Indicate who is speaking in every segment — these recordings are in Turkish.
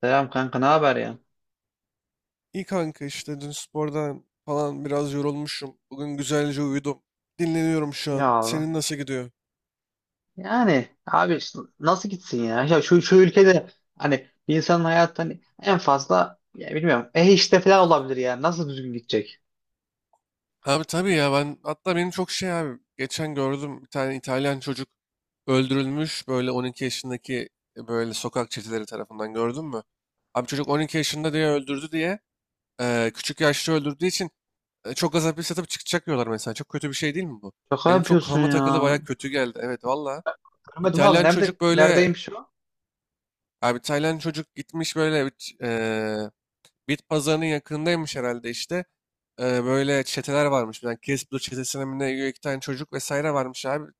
Speaker 1: Selam kanka, ne haber ya?
Speaker 2: İyi kanka işte dün spordan falan biraz yorulmuşum. Bugün güzelce uyudum. Dinleniyorum şu
Speaker 1: Ya
Speaker 2: an.
Speaker 1: Allah.
Speaker 2: Senin nasıl gidiyor?
Speaker 1: Yani abi işte nasıl gitsin ya? Ya şu ülkede hani bir insanın hayatı hani en fazla ya bilmiyorum işte falan olabilir ya. Nasıl düzgün gidecek?
Speaker 2: Abi tabii ya, ben hatta benim çok şey abi, geçen gördüm bir tane İtalyan çocuk öldürülmüş, böyle 12 yaşındaki, böyle sokak çeteleri tarafından. Gördün mü? Abi çocuk 12 yaşında diye öldürdü diye, küçük yaşta öldürdüğü için çok az hapis yatıp çıkacak diyorlar mesela. Çok kötü bir şey değil mi bu?
Speaker 1: Şaka
Speaker 2: Benim çok
Speaker 1: yapıyorsun
Speaker 2: kafama takılı,
Speaker 1: ya.
Speaker 2: baya kötü geldi. Evet valla.
Speaker 1: Görmedim abi,
Speaker 2: İtalyan
Speaker 1: nerede
Speaker 2: çocuk böyle.
Speaker 1: neredeymiş o?
Speaker 2: Abi Tayland çocuk gitmiş böyle bit pazarının yakınındaymış herhalde işte. Böyle çeteler varmış. Bir tane Kiss çetesine mi ne üye, iki tane çocuk vesaire varmış abi.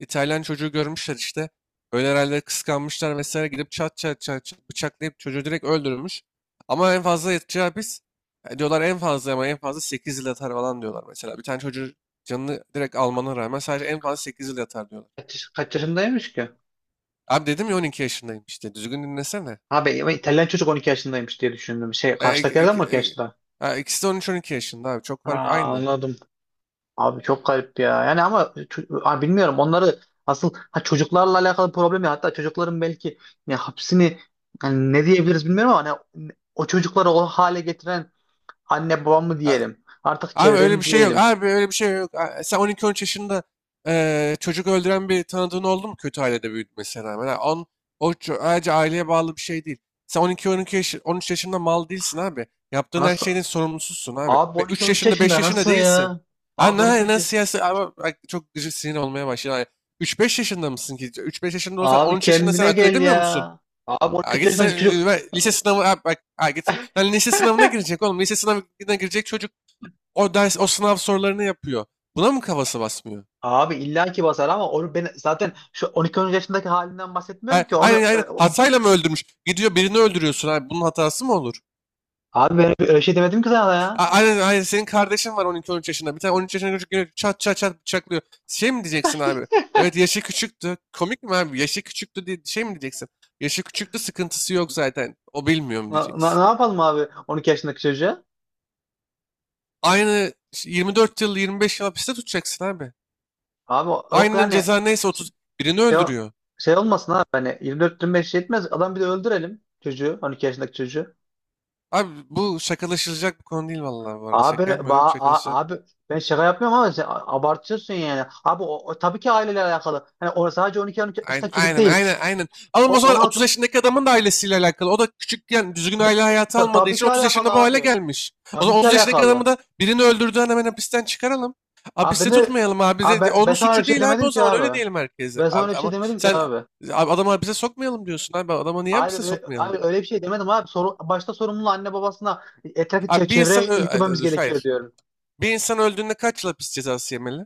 Speaker 2: İtalyan çocuğu görmüşler işte. Öyle herhalde kıskanmışlar vesaire, gidip çat çat çat çat bıçaklayıp çocuğu direkt öldürmüş. Ama en fazla yatacağı hapis, diyorlar en fazla, ama en fazla 8 yıl yatar falan diyorlar mesela. Bir tane çocuğu canını direkt almana rağmen sadece en fazla 8 yıl yatar diyorlar.
Speaker 1: Kaç yaşındaymış ki?
Speaker 2: Abi dedim ya, 12 yaşındayım işte, düzgün dinlesene.
Speaker 1: Abi İtalyan çocuk 12 yaşındaymış diye düşündüm. Şey,
Speaker 2: E, ik-
Speaker 1: karşıdakilerden
Speaker 2: ik-
Speaker 1: mi 12
Speaker 2: ik-
Speaker 1: yaşında?
Speaker 2: ha, ikisi de 13-12 yaşında abi. Çok fark
Speaker 1: Aa,
Speaker 2: aynı.
Speaker 1: anladım. Abi çok garip ya. Yani ama abi bilmiyorum onları. Asıl ha, çocuklarla alakalı problem ya. Hatta çocukların belki ne hapsini, yani ne diyebiliriz bilmiyorum ama hani o çocukları o hale getiren anne babam mı
Speaker 2: Ha,
Speaker 1: diyelim, artık
Speaker 2: abi
Speaker 1: çevre
Speaker 2: öyle bir
Speaker 1: mi
Speaker 2: şey yok.
Speaker 1: diyelim?
Speaker 2: Abi öyle bir şey yok. Ha, sen 12-13 yaşında çocuk öldüren bir tanıdığın oldu mu, kötü ailede büyütmesine rağmen? Ayrıca aileye bağlı bir şey değil. Sen on iki on iki yaş, 13 yaşında mal değilsin abi. Yaptığın her
Speaker 1: Nasıl?
Speaker 2: şeyin sorumlususun abi.
Speaker 1: Abi
Speaker 2: Ve 3
Speaker 1: 12-13
Speaker 2: yaşında, 5
Speaker 1: yaşında
Speaker 2: yaşında
Speaker 1: nasıl
Speaker 2: değilsin.
Speaker 1: ya?
Speaker 2: Abi
Speaker 1: Abi
Speaker 2: ne
Speaker 1: 12-13.
Speaker 2: siyasi ama bak, çok gıcık sinir olmaya başladı. Üç beş yaşında mısın ki? Üç beş yaşında olsan on
Speaker 1: Abi
Speaker 2: üç yaşında sen
Speaker 1: kendine
Speaker 2: akıl
Speaker 1: gel
Speaker 2: edemiyor musun?
Speaker 1: ya. Abi
Speaker 2: Ha,
Speaker 1: 12-13
Speaker 2: git sen
Speaker 1: yaşındaki çocuk.
Speaker 2: lise sınavı, ha, bak, ha, git sen lise sınavına girecek oğlum. Lise sınavına girecek çocuk o ders, o sınav sorularını yapıyor. Buna mı kafası basmıyor?
Speaker 1: Abi illa ki basar ama onu ben zaten şu 12-13 yaşındaki halinden
Speaker 2: Ha,
Speaker 1: bahsetmiyorum ki onu.
Speaker 2: aynen aynen, hatayla mı öldürmüş? Gidiyor birini öldürüyorsun abi. Bunun hatası mı olur?
Speaker 1: Abi ben öyle şey demedim ki sana ya.
Speaker 2: Ha, aynen aynen, senin kardeşin var 12-13 yaşında. Bir tane 13 yaşında çocuk geliyor, çat çat çat bıçaklıyor. Şey mi diyeceksin abi? Evet, yaşı küçüktü. Komik mi abi? Yaşı küçüktü diye şey mi diyeceksin? Yaşı küçüktü, sıkıntısı yok zaten. O, bilmiyorum, diyeceksin.
Speaker 1: Ne yapalım abi 12 yaşındaki çocuğa?
Speaker 2: Aynı 24 yıl, 25 yıl hapiste tutacaksın abi.
Speaker 1: Abi yok
Speaker 2: Aynen
Speaker 1: yani,
Speaker 2: ceza neyse, 30.
Speaker 1: şey,
Speaker 2: Birini
Speaker 1: şey
Speaker 2: öldürüyor.
Speaker 1: şey olmasın abi, hani 24-25 yetmez. Adam bir de öldürelim çocuğu, 12 yaşındaki çocuğu.
Speaker 2: Abi bu şakalaşılacak bir konu değil vallahi, bu arada.
Speaker 1: Abi,
Speaker 2: Şaka
Speaker 1: ba,
Speaker 2: yapmıyorum.
Speaker 1: a-
Speaker 2: Şakalaşılacak.
Speaker 1: abi ben şaka yapmıyorum ama sen abartıyorsun yani. Abi o tabii ki aileyle alakalı. Hani o sadece on 13
Speaker 2: Aynen,
Speaker 1: yaşındaki çocuk
Speaker 2: aynen,
Speaker 1: değil.
Speaker 2: aynen, aynen. Alın,
Speaker 1: O,
Speaker 2: o zaman 30
Speaker 1: 16,
Speaker 2: yaşındaki adamın da ailesiyle alakalı. O da küçükken düzgün aile hayatı almadığı
Speaker 1: tabii
Speaker 2: için
Speaker 1: ki
Speaker 2: 30
Speaker 1: alakalı
Speaker 2: yaşında bu hale
Speaker 1: abi.
Speaker 2: gelmiş. O
Speaker 1: Tabii
Speaker 2: zaman
Speaker 1: ki
Speaker 2: 30 yaşındaki adamı
Speaker 1: alakalı.
Speaker 2: da, birini öldürdüğünden, hemen hapisten çıkaralım.
Speaker 1: Abi ben
Speaker 2: Hapiste
Speaker 1: de
Speaker 2: tutmayalım abi.
Speaker 1: abi ben
Speaker 2: Onun
Speaker 1: sana öyle
Speaker 2: suçu
Speaker 1: bir şey
Speaker 2: değil abi,
Speaker 1: demedim
Speaker 2: o
Speaker 1: ki
Speaker 2: zaman öyle
Speaker 1: abi.
Speaker 2: diyelim herkese.
Speaker 1: Ben sana öyle
Speaker 2: Abi,
Speaker 1: bir şey
Speaker 2: ama
Speaker 1: demedim ki
Speaker 2: sen,
Speaker 1: abi.
Speaker 2: abi, adamı hapise sokmayalım diyorsun abi. Adama niye
Speaker 1: Hayır,
Speaker 2: hapise
Speaker 1: öyle,
Speaker 2: sokmayalım?
Speaker 1: hayır öyle bir şey demedim abi. Başta sorumluluğu anne babasına, etrafı
Speaker 2: Abi bir insan
Speaker 1: çevreye
Speaker 2: ay,
Speaker 1: yüklememiz
Speaker 2: dur,
Speaker 1: gerekiyor
Speaker 2: hayır.
Speaker 1: diyorum.
Speaker 2: Bir insan öldüğünde kaç yıl hapis cezası yemeli?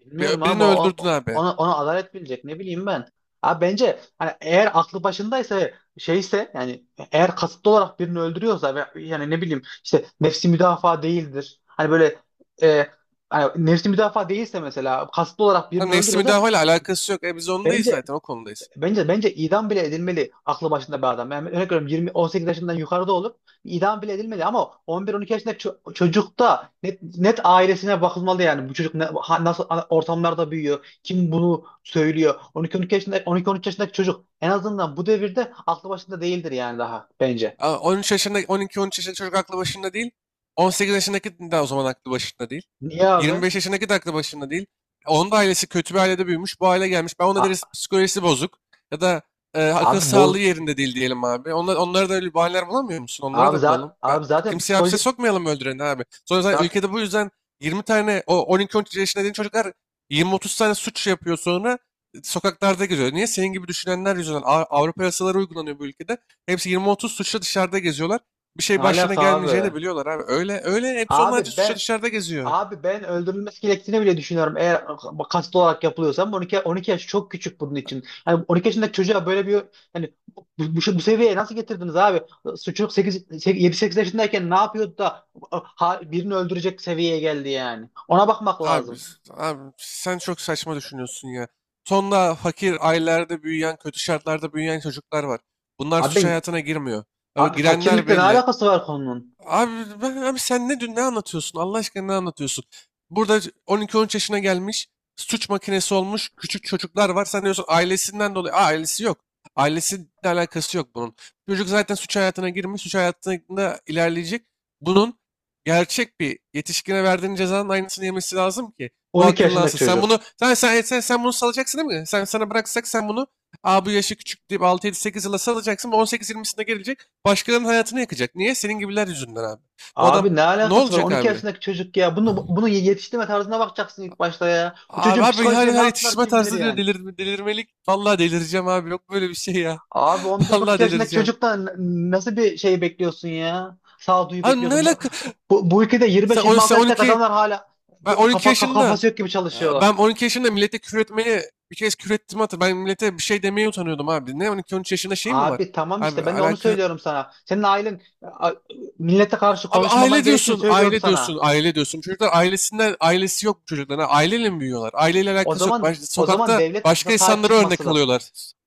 Speaker 1: Bilmiyorum abi,
Speaker 2: Birini
Speaker 1: o,
Speaker 2: öldürdün
Speaker 1: o-
Speaker 2: abi.
Speaker 1: ona, ona adalet bilecek, ne bileyim ben. Abi bence hani, eğer aklı başındaysa ve şeyse, yani eğer kasıtlı olarak birini öldürüyorsa ve yani ne bileyim işte, nefsi müdafaa değildir. Hani böyle, e, hani nefsi müdafaa değilse, mesela kasıtlı olarak
Speaker 2: Ha,
Speaker 1: birini
Speaker 2: nefsi
Speaker 1: öldürüyorsa,
Speaker 2: müdafaa alakası yok. Biz ondayız
Speaker 1: bence,
Speaker 2: zaten, o konudayız.
Speaker 1: bence idam bile edilmeli, aklı başında bir adam. Yani örnek veriyorum, 20 18 yaşından yukarıda olup idam bile edilmeli ama 11-12 yaşındaki çocukta, net ailesine bakılmalı yani. Bu çocuk nasıl ortamlarda büyüyor? Kim bunu söylüyor? 12-13 yaşında 12-13 yaşındaki çocuk en azından bu devirde aklı başında değildir yani, daha bence.
Speaker 2: Ha, 13 yaşında, 12-13 yaşında çocuk aklı başında değil. 18 yaşındaki de o zaman aklı başında değil.
Speaker 1: Niye abi?
Speaker 2: 25 yaşındaki de aklı başında değil. Onun da ailesi kötü bir ailede büyümüş. Bu aile gelmiş. Ben ona deriz
Speaker 1: A-
Speaker 2: psikolojisi bozuk. Ya da akıl
Speaker 1: abi
Speaker 2: sağlığı yerinde değil diyelim abi. Onlara da öyle bahaneler bulamıyor musun? Onlara
Speaker 1: abi
Speaker 2: da
Speaker 1: zaten
Speaker 2: bulalım.
Speaker 1: abi zaten
Speaker 2: Kimseyi hapse
Speaker 1: psikoloji
Speaker 2: sokmayalım öldüreni abi. Sonra zaten
Speaker 1: zaten,
Speaker 2: ülkede bu yüzden 20 tane o 12-13 yaşında dediğin çocuklar, 20-30 tane suç yapıyor, sonra sokaklarda geziyor. Niye? Senin gibi düşünenler yüzünden, Avrupa yasaları uygulanıyor bu ülkede. Hepsi 20-30 suçla dışarıda geziyorlar. Bir
Speaker 1: ne
Speaker 2: şey başlarına
Speaker 1: alaka abi?
Speaker 2: gelmeyeceğini de biliyorlar abi. Öyle öyle hepsi onlarca
Speaker 1: Abi
Speaker 2: suçla
Speaker 1: ben
Speaker 2: dışarıda geziyor.
Speaker 1: Abi ben öldürülmesi gerektiğini bile düşünüyorum. Eğer kasıtlı olarak yapılıyorsa 12 yaş çok küçük bunun için. Yani 12 yaşındaki çocuğa böyle bir, hani bu seviyeye nasıl getirdiniz abi? Çocuk 8, 7-8 yaşındayken ne yapıyordu da ha, birini öldürecek seviyeye geldi yani. Ona bakmak
Speaker 2: Abi,
Speaker 1: lazım.
Speaker 2: s- abi sen çok saçma düşünüyorsun ya. Tonla fakir ailelerde büyüyen, kötü şartlarda büyüyen çocuklar var. Bunlar
Speaker 1: Abi,
Speaker 2: suç hayatına girmiyor. Ama
Speaker 1: abi
Speaker 2: girenler
Speaker 1: fakirlikle ne
Speaker 2: belli.
Speaker 1: alakası var konunun?
Speaker 2: Abi, abi sen ne anlatıyorsun? Allah aşkına ne anlatıyorsun? Burada 12-13 yaşına gelmiş, suç makinesi olmuş küçük çocuklar var. Sen diyorsun ailesinden dolayı. Aa, ailesi yok. Ailesiyle alakası yok bunun. Çocuk zaten suç hayatına girmiş, suç hayatında ilerleyecek. Bunun gerçek bir yetişkine verdiğin cezanın aynısını yemesi lazım ki bu
Speaker 1: 12 yaşındaki
Speaker 2: akıllansın. Sen
Speaker 1: çocuk.
Speaker 2: bunu sen sen sen, sen bunu salacaksın, değil mi? Sen sana bıraksak sen bunu. Aa, bu yaşı küçük deyip 6-7-8 yıla salacaksın. 18-20'sinde gelecek. Başkalarının hayatını yakacak. Niye? Senin gibiler yüzünden abi. Bu adam
Speaker 1: Abi ne
Speaker 2: ne
Speaker 1: alakası var?
Speaker 2: olacak
Speaker 1: 12
Speaker 2: abi?
Speaker 1: yaşındaki çocuk ya. Bunu yetiştirme tarzına bakacaksın ilk başta ya. O
Speaker 2: Abi,
Speaker 1: çocuğun
Speaker 2: abi her,
Speaker 1: psikolojisine ne
Speaker 2: her
Speaker 1: yaptılar
Speaker 2: yetiştirme
Speaker 1: kim bilir
Speaker 2: tarzı diyor,
Speaker 1: yani.
Speaker 2: delirmelik. Vallahi delireceğim abi. Yok böyle bir şey ya.
Speaker 1: Abi 11
Speaker 2: Vallahi
Speaker 1: iki yaşındaki
Speaker 2: delireceğim.
Speaker 1: çocuktan nasıl bir şey bekliyorsun ya? Sağduyu
Speaker 2: Abi ne
Speaker 1: bekliyorsun. Bu,
Speaker 2: alaka?
Speaker 1: bu bu ülkede yirmi
Speaker 2: Sen,
Speaker 1: beş
Speaker 2: on-
Speaker 1: yirmi altı
Speaker 2: sen
Speaker 1: yaşındaki
Speaker 2: 12,
Speaker 1: adamlar hala
Speaker 2: ben
Speaker 1: bir
Speaker 2: 12
Speaker 1: kafa
Speaker 2: yaşında,
Speaker 1: kafası yok gibi çalışıyorlar.
Speaker 2: ben 12 yaşında millete küfür etmeye bir kez küfür ettim hatır. Ben millete bir şey demeye utanıyordum abi. Ne 12-13 yaşında şey mi var?
Speaker 1: Abi tamam
Speaker 2: Abi
Speaker 1: işte, ben de onu
Speaker 2: alaka.
Speaker 1: söylüyorum sana. Senin ailen millete karşı
Speaker 2: Abi
Speaker 1: konuşmaman
Speaker 2: aile
Speaker 1: gerektiğini
Speaker 2: diyorsun,
Speaker 1: söylüyordu
Speaker 2: aile diyorsun,
Speaker 1: sana.
Speaker 2: aile diyorsun. Çocuklar ailesinden, ailesi yok çocuklarına. Aileyle mi büyüyorlar? Aileyle
Speaker 1: O
Speaker 2: alakası yok.
Speaker 1: zaman o zaman
Speaker 2: Sokakta
Speaker 1: devlet
Speaker 2: başka
Speaker 1: sahip
Speaker 2: insanlara
Speaker 1: çıkması
Speaker 2: örnek
Speaker 1: lazım.
Speaker 2: alıyorlar.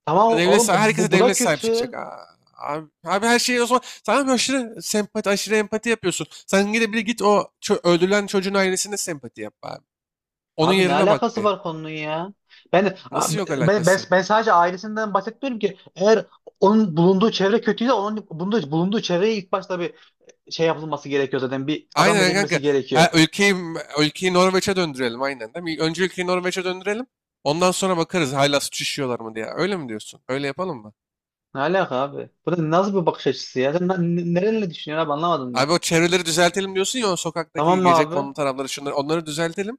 Speaker 1: Tamam oğlum, bu,
Speaker 2: Herkese
Speaker 1: bu da
Speaker 2: devlet sahip çıkacak.
Speaker 1: kötü.
Speaker 2: Aa. Abi her şeyi o zaman tamam, aşırı sempati, aşırı empati yapıyorsun. Sen gide bir git o öldürülen çocuğun ailesine sempati yap abi. Onun
Speaker 1: Abi ne
Speaker 2: yerine bak
Speaker 1: alakası
Speaker 2: bir.
Speaker 1: var konunun ya? Ben,
Speaker 2: Nasıl yok
Speaker 1: ben, ben,
Speaker 2: alakası?
Speaker 1: ben sadece ailesinden bahsetmiyorum ki. Eğer onun bulunduğu çevre kötüyse, onun bulunduğu çevreye ilk başta bir şey yapılması gerekiyor zaten. Bir adam
Speaker 2: Aynen kanka.
Speaker 1: edilmesi gerekiyor.
Speaker 2: Ha, ülkeyi Norveç'e döndürelim aynen, değil mi? Önce ülkeyi Norveç'e döndürelim. Ondan sonra bakarız hala suç işliyorlar mı diye. Öyle mi diyorsun? Öyle yapalım mı?
Speaker 1: Ne alaka abi? Bu da nasıl bir bakış açısı ya? Sen nerenle düşünüyorsun abi, anlamadım ben.
Speaker 2: Abi, o çevreleri düzeltelim diyorsun ya, o
Speaker 1: Tamam
Speaker 2: sokaktaki
Speaker 1: mı
Speaker 2: gece
Speaker 1: abi?
Speaker 2: kondu tarafları, şunları onları düzeltelim.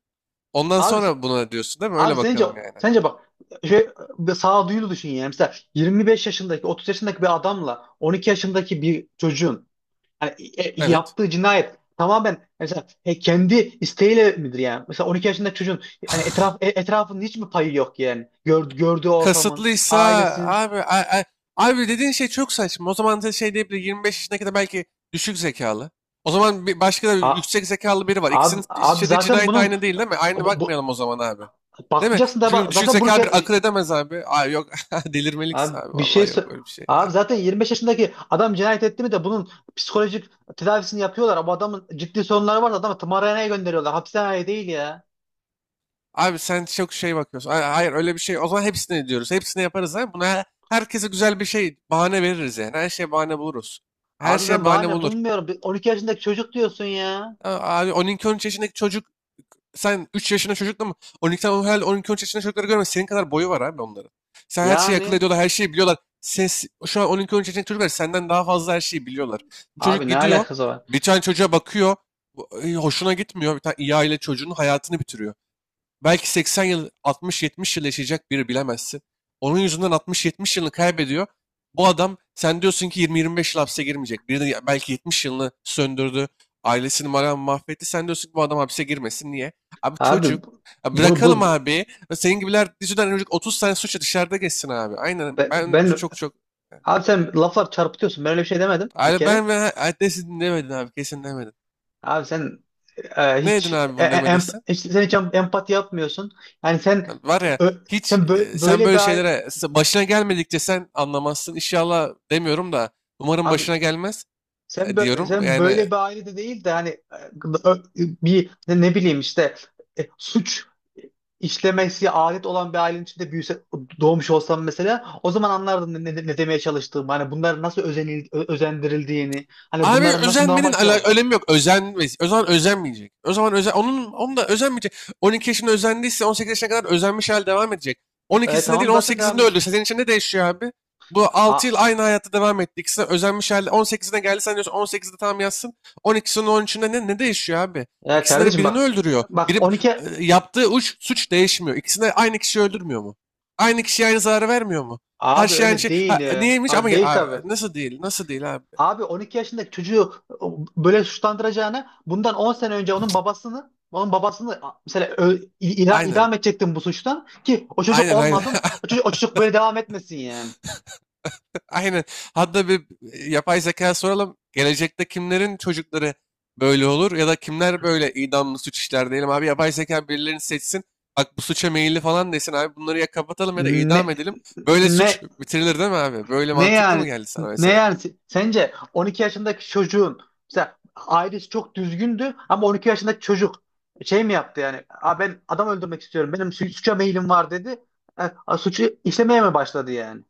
Speaker 2: Ondan
Speaker 1: Abi,
Speaker 2: sonra buna diyorsun, değil mi?
Speaker 1: abi
Speaker 2: Öyle
Speaker 1: sence,
Speaker 2: bakalım yani.
Speaker 1: sence bak şey, bir sağduyulu düşün yani. Mesela 25 yaşındaki 30 yaşındaki bir adamla 12 yaşındaki bir çocuğun yani,
Speaker 2: Evet.
Speaker 1: yaptığı cinayet tamamen mesela kendi isteğiyle midir yani? Mesela 12 yaşında çocuğun yani etrafının hiç mi payı yok yani? Gördüğü ortamın,
Speaker 2: Kasıtlıysa,
Speaker 1: ailesinin.
Speaker 2: abi a- a- abi dediğin şey çok saçma. O zaman da şey diyebilir, 25 yaşına kadar belki düşük zekalı. O zaman bir başka da
Speaker 1: A,
Speaker 2: yüksek zekalı biri var.
Speaker 1: abi,
Speaker 2: İkisinin
Speaker 1: abi
Speaker 2: işlediği
Speaker 1: zaten
Speaker 2: cinayet
Speaker 1: bunun,
Speaker 2: aynı değil, değil mi? Aynı
Speaker 1: bu, bu-
Speaker 2: bakmayalım o zaman abi. Değil mi?
Speaker 1: bakmayacaksın da
Speaker 2: Çünkü
Speaker 1: bak
Speaker 2: düşük
Speaker 1: zaten bunu
Speaker 2: zekalı bir akıl edemez abi. Abi yok, delirmelik
Speaker 1: abi
Speaker 2: abi,
Speaker 1: bir şey
Speaker 2: vallahi yok böyle bir şey
Speaker 1: abi
Speaker 2: ya.
Speaker 1: zaten 25 yaşındaki adam cinayet etti mi de bunun psikolojik tedavisini yapıyorlar. Bu adamın ciddi sorunları varsa adamı tımarhaneye gönderiyorlar, hapishaneye değil ya.
Speaker 2: Abi sen çok şey bakıyorsun. Hayır, öyle bir şey. O zaman hepsini diyoruz. Hepsini yaparız abi. Buna herkese güzel bir şey bahane veririz yani. Her şeye bahane buluruz. Her
Speaker 1: Abi
Speaker 2: şeye
Speaker 1: ben
Speaker 2: bahane
Speaker 1: bahane
Speaker 2: bulur.
Speaker 1: bulmuyorum. Bir 12 yaşındaki çocuk diyorsun ya.
Speaker 2: A- Abi on iki on üç yaşındaki çocuk. Sen 3 yaşında çocukla mı? 12 tane herhalde, 12 üç yaşında çocukları görme. Senin kadar boyu var abi onların. Sen her şeyi akıl
Speaker 1: Yani.
Speaker 2: ediyorlar, her şeyi biliyorlar. Ses, şu an 12-13 yaşındaki çocuklar senden daha fazla her şeyi biliyorlar. Bu çocuk
Speaker 1: Abi ne
Speaker 2: gidiyor,
Speaker 1: alakası var?
Speaker 2: bir tane çocuğa bakıyor, hoşuna gitmiyor. Bir tane iyi aile çocuğunun hayatını bitiriyor. Belki 80 yıl, 60-70 yıl yaşayacak biri, bilemezsin. Onun yüzünden 60-70 yılını kaybediyor. Bu adam sen diyorsun ki 20-25 yıl hapse girmeyecek. Biri de belki 70 yılını söndürdü. Ailesini malam mahvetti. Sen diyorsun ki bu adam hapse girmesin. Niye? Abi
Speaker 1: Abi
Speaker 2: çocuk.
Speaker 1: bu-
Speaker 2: Ya
Speaker 1: bunu bunu
Speaker 2: bırakalım abi. Senin gibiler yüzünden önce 30 sene suçla dışarıda geçsin abi. Aynen.
Speaker 1: be-
Speaker 2: Ben
Speaker 1: ben
Speaker 2: çok çok. Evet.
Speaker 1: abi sen laflar çarpıtıyorsun. Ben öyle bir şey demedim bir
Speaker 2: Abi
Speaker 1: kere.
Speaker 2: ben ve adresini demedin abi. Kesin demedin.
Speaker 1: Abi sen
Speaker 2: Ne
Speaker 1: hiç,
Speaker 2: dedin abi bunu demediysen?
Speaker 1: hiç sen empati yapmıyorsun. Yani sen
Speaker 2: Var ya,
Speaker 1: ö- sen
Speaker 2: hiç
Speaker 1: bö-
Speaker 2: sen
Speaker 1: böyle
Speaker 2: böyle
Speaker 1: bir
Speaker 2: şeylere başına gelmedikçe sen anlamazsın. İnşallah demiyorum da, umarım
Speaker 1: abi.
Speaker 2: başına gelmez,
Speaker 1: Sen bö-
Speaker 2: diyorum.
Speaker 1: sen
Speaker 2: Yani.
Speaker 1: böyle bir ailede değil de hani, bir, ne bileyim işte, suç işlemesi adet olan bir ailenin içinde büyüse, doğmuş olsam mesela o zaman anlardın ne demeye çalıştığımı, hani bunların nasıl özendirildiğini, hani
Speaker 2: Abi
Speaker 1: bunların nasıl normal
Speaker 2: özenmenin
Speaker 1: bir şey oldu.
Speaker 2: önemi yok. O zaman özenmeyecek. O zaman onun da özenmeyecek. 12 yaşında özendiyse 18 yaşına kadar özenmiş hal devam edecek. On ikisinde değil
Speaker 1: Tamam zaten devam
Speaker 2: 18'inde
Speaker 1: edecek.
Speaker 2: öldürse senin için ne değişiyor abi? Bu 6 yıl
Speaker 1: Ha,
Speaker 2: aynı hayata devam etti. İkisi de özenmiş halde 18'ine geldi, sen diyorsun 18'de tam yatsın. 12'sinin 13'ünde ne değişiyor abi?
Speaker 1: ya
Speaker 2: İkisinde de
Speaker 1: kardeşim
Speaker 2: birini
Speaker 1: bak
Speaker 2: öldürüyor.
Speaker 1: bak,
Speaker 2: Biri
Speaker 1: 12.
Speaker 2: yaptığı suç değişmiyor. İkisinde aynı kişi öldürmüyor mu? Aynı kişiye aynı zararı vermiyor mu? Her
Speaker 1: Abi
Speaker 2: şey aynı
Speaker 1: öyle
Speaker 2: şey.
Speaker 1: değil
Speaker 2: Ha,
Speaker 1: ya.
Speaker 2: neymiş
Speaker 1: Ha,
Speaker 2: ama
Speaker 1: değil tabii.
Speaker 2: nasıl değil? Nasıl değil abi?
Speaker 1: Abi 12 yaşındaki çocuğu böyle suçlandıracağına, bundan 10 sene önce onun babasını, onun babasını mesela
Speaker 2: Aynen.
Speaker 1: idam edecektin bu suçtan, ki o çocuk
Speaker 2: Aynen, aynen.
Speaker 1: olmasın, o çocuk, o çocuk böyle devam etmesin yani.
Speaker 2: Aynen. Hatta bir yapay zeka soralım. Gelecekte kimlerin çocukları böyle olur ya da kimler böyle idamlı suç işler diyelim abi. Yapay zeka birilerini seçsin. Bak, bu suça meyilli falan desin abi. Bunları ya kapatalım, ya da
Speaker 1: Ne
Speaker 2: idam edelim. Böyle
Speaker 1: ne
Speaker 2: suç bitirilir, değil mi abi? Böyle
Speaker 1: ne
Speaker 2: mantıklı
Speaker 1: yani
Speaker 2: mı geldi sana
Speaker 1: ne yani,
Speaker 2: mesela?
Speaker 1: Sence 12 yaşındaki çocuğun mesela ailesi çok düzgündü ama 12 yaşındaki çocuk şey mi yaptı yani? Aa, ben adam öldürmek istiyorum, benim suça meyilim var dedi. Suçu işlemeye mi başladı yani?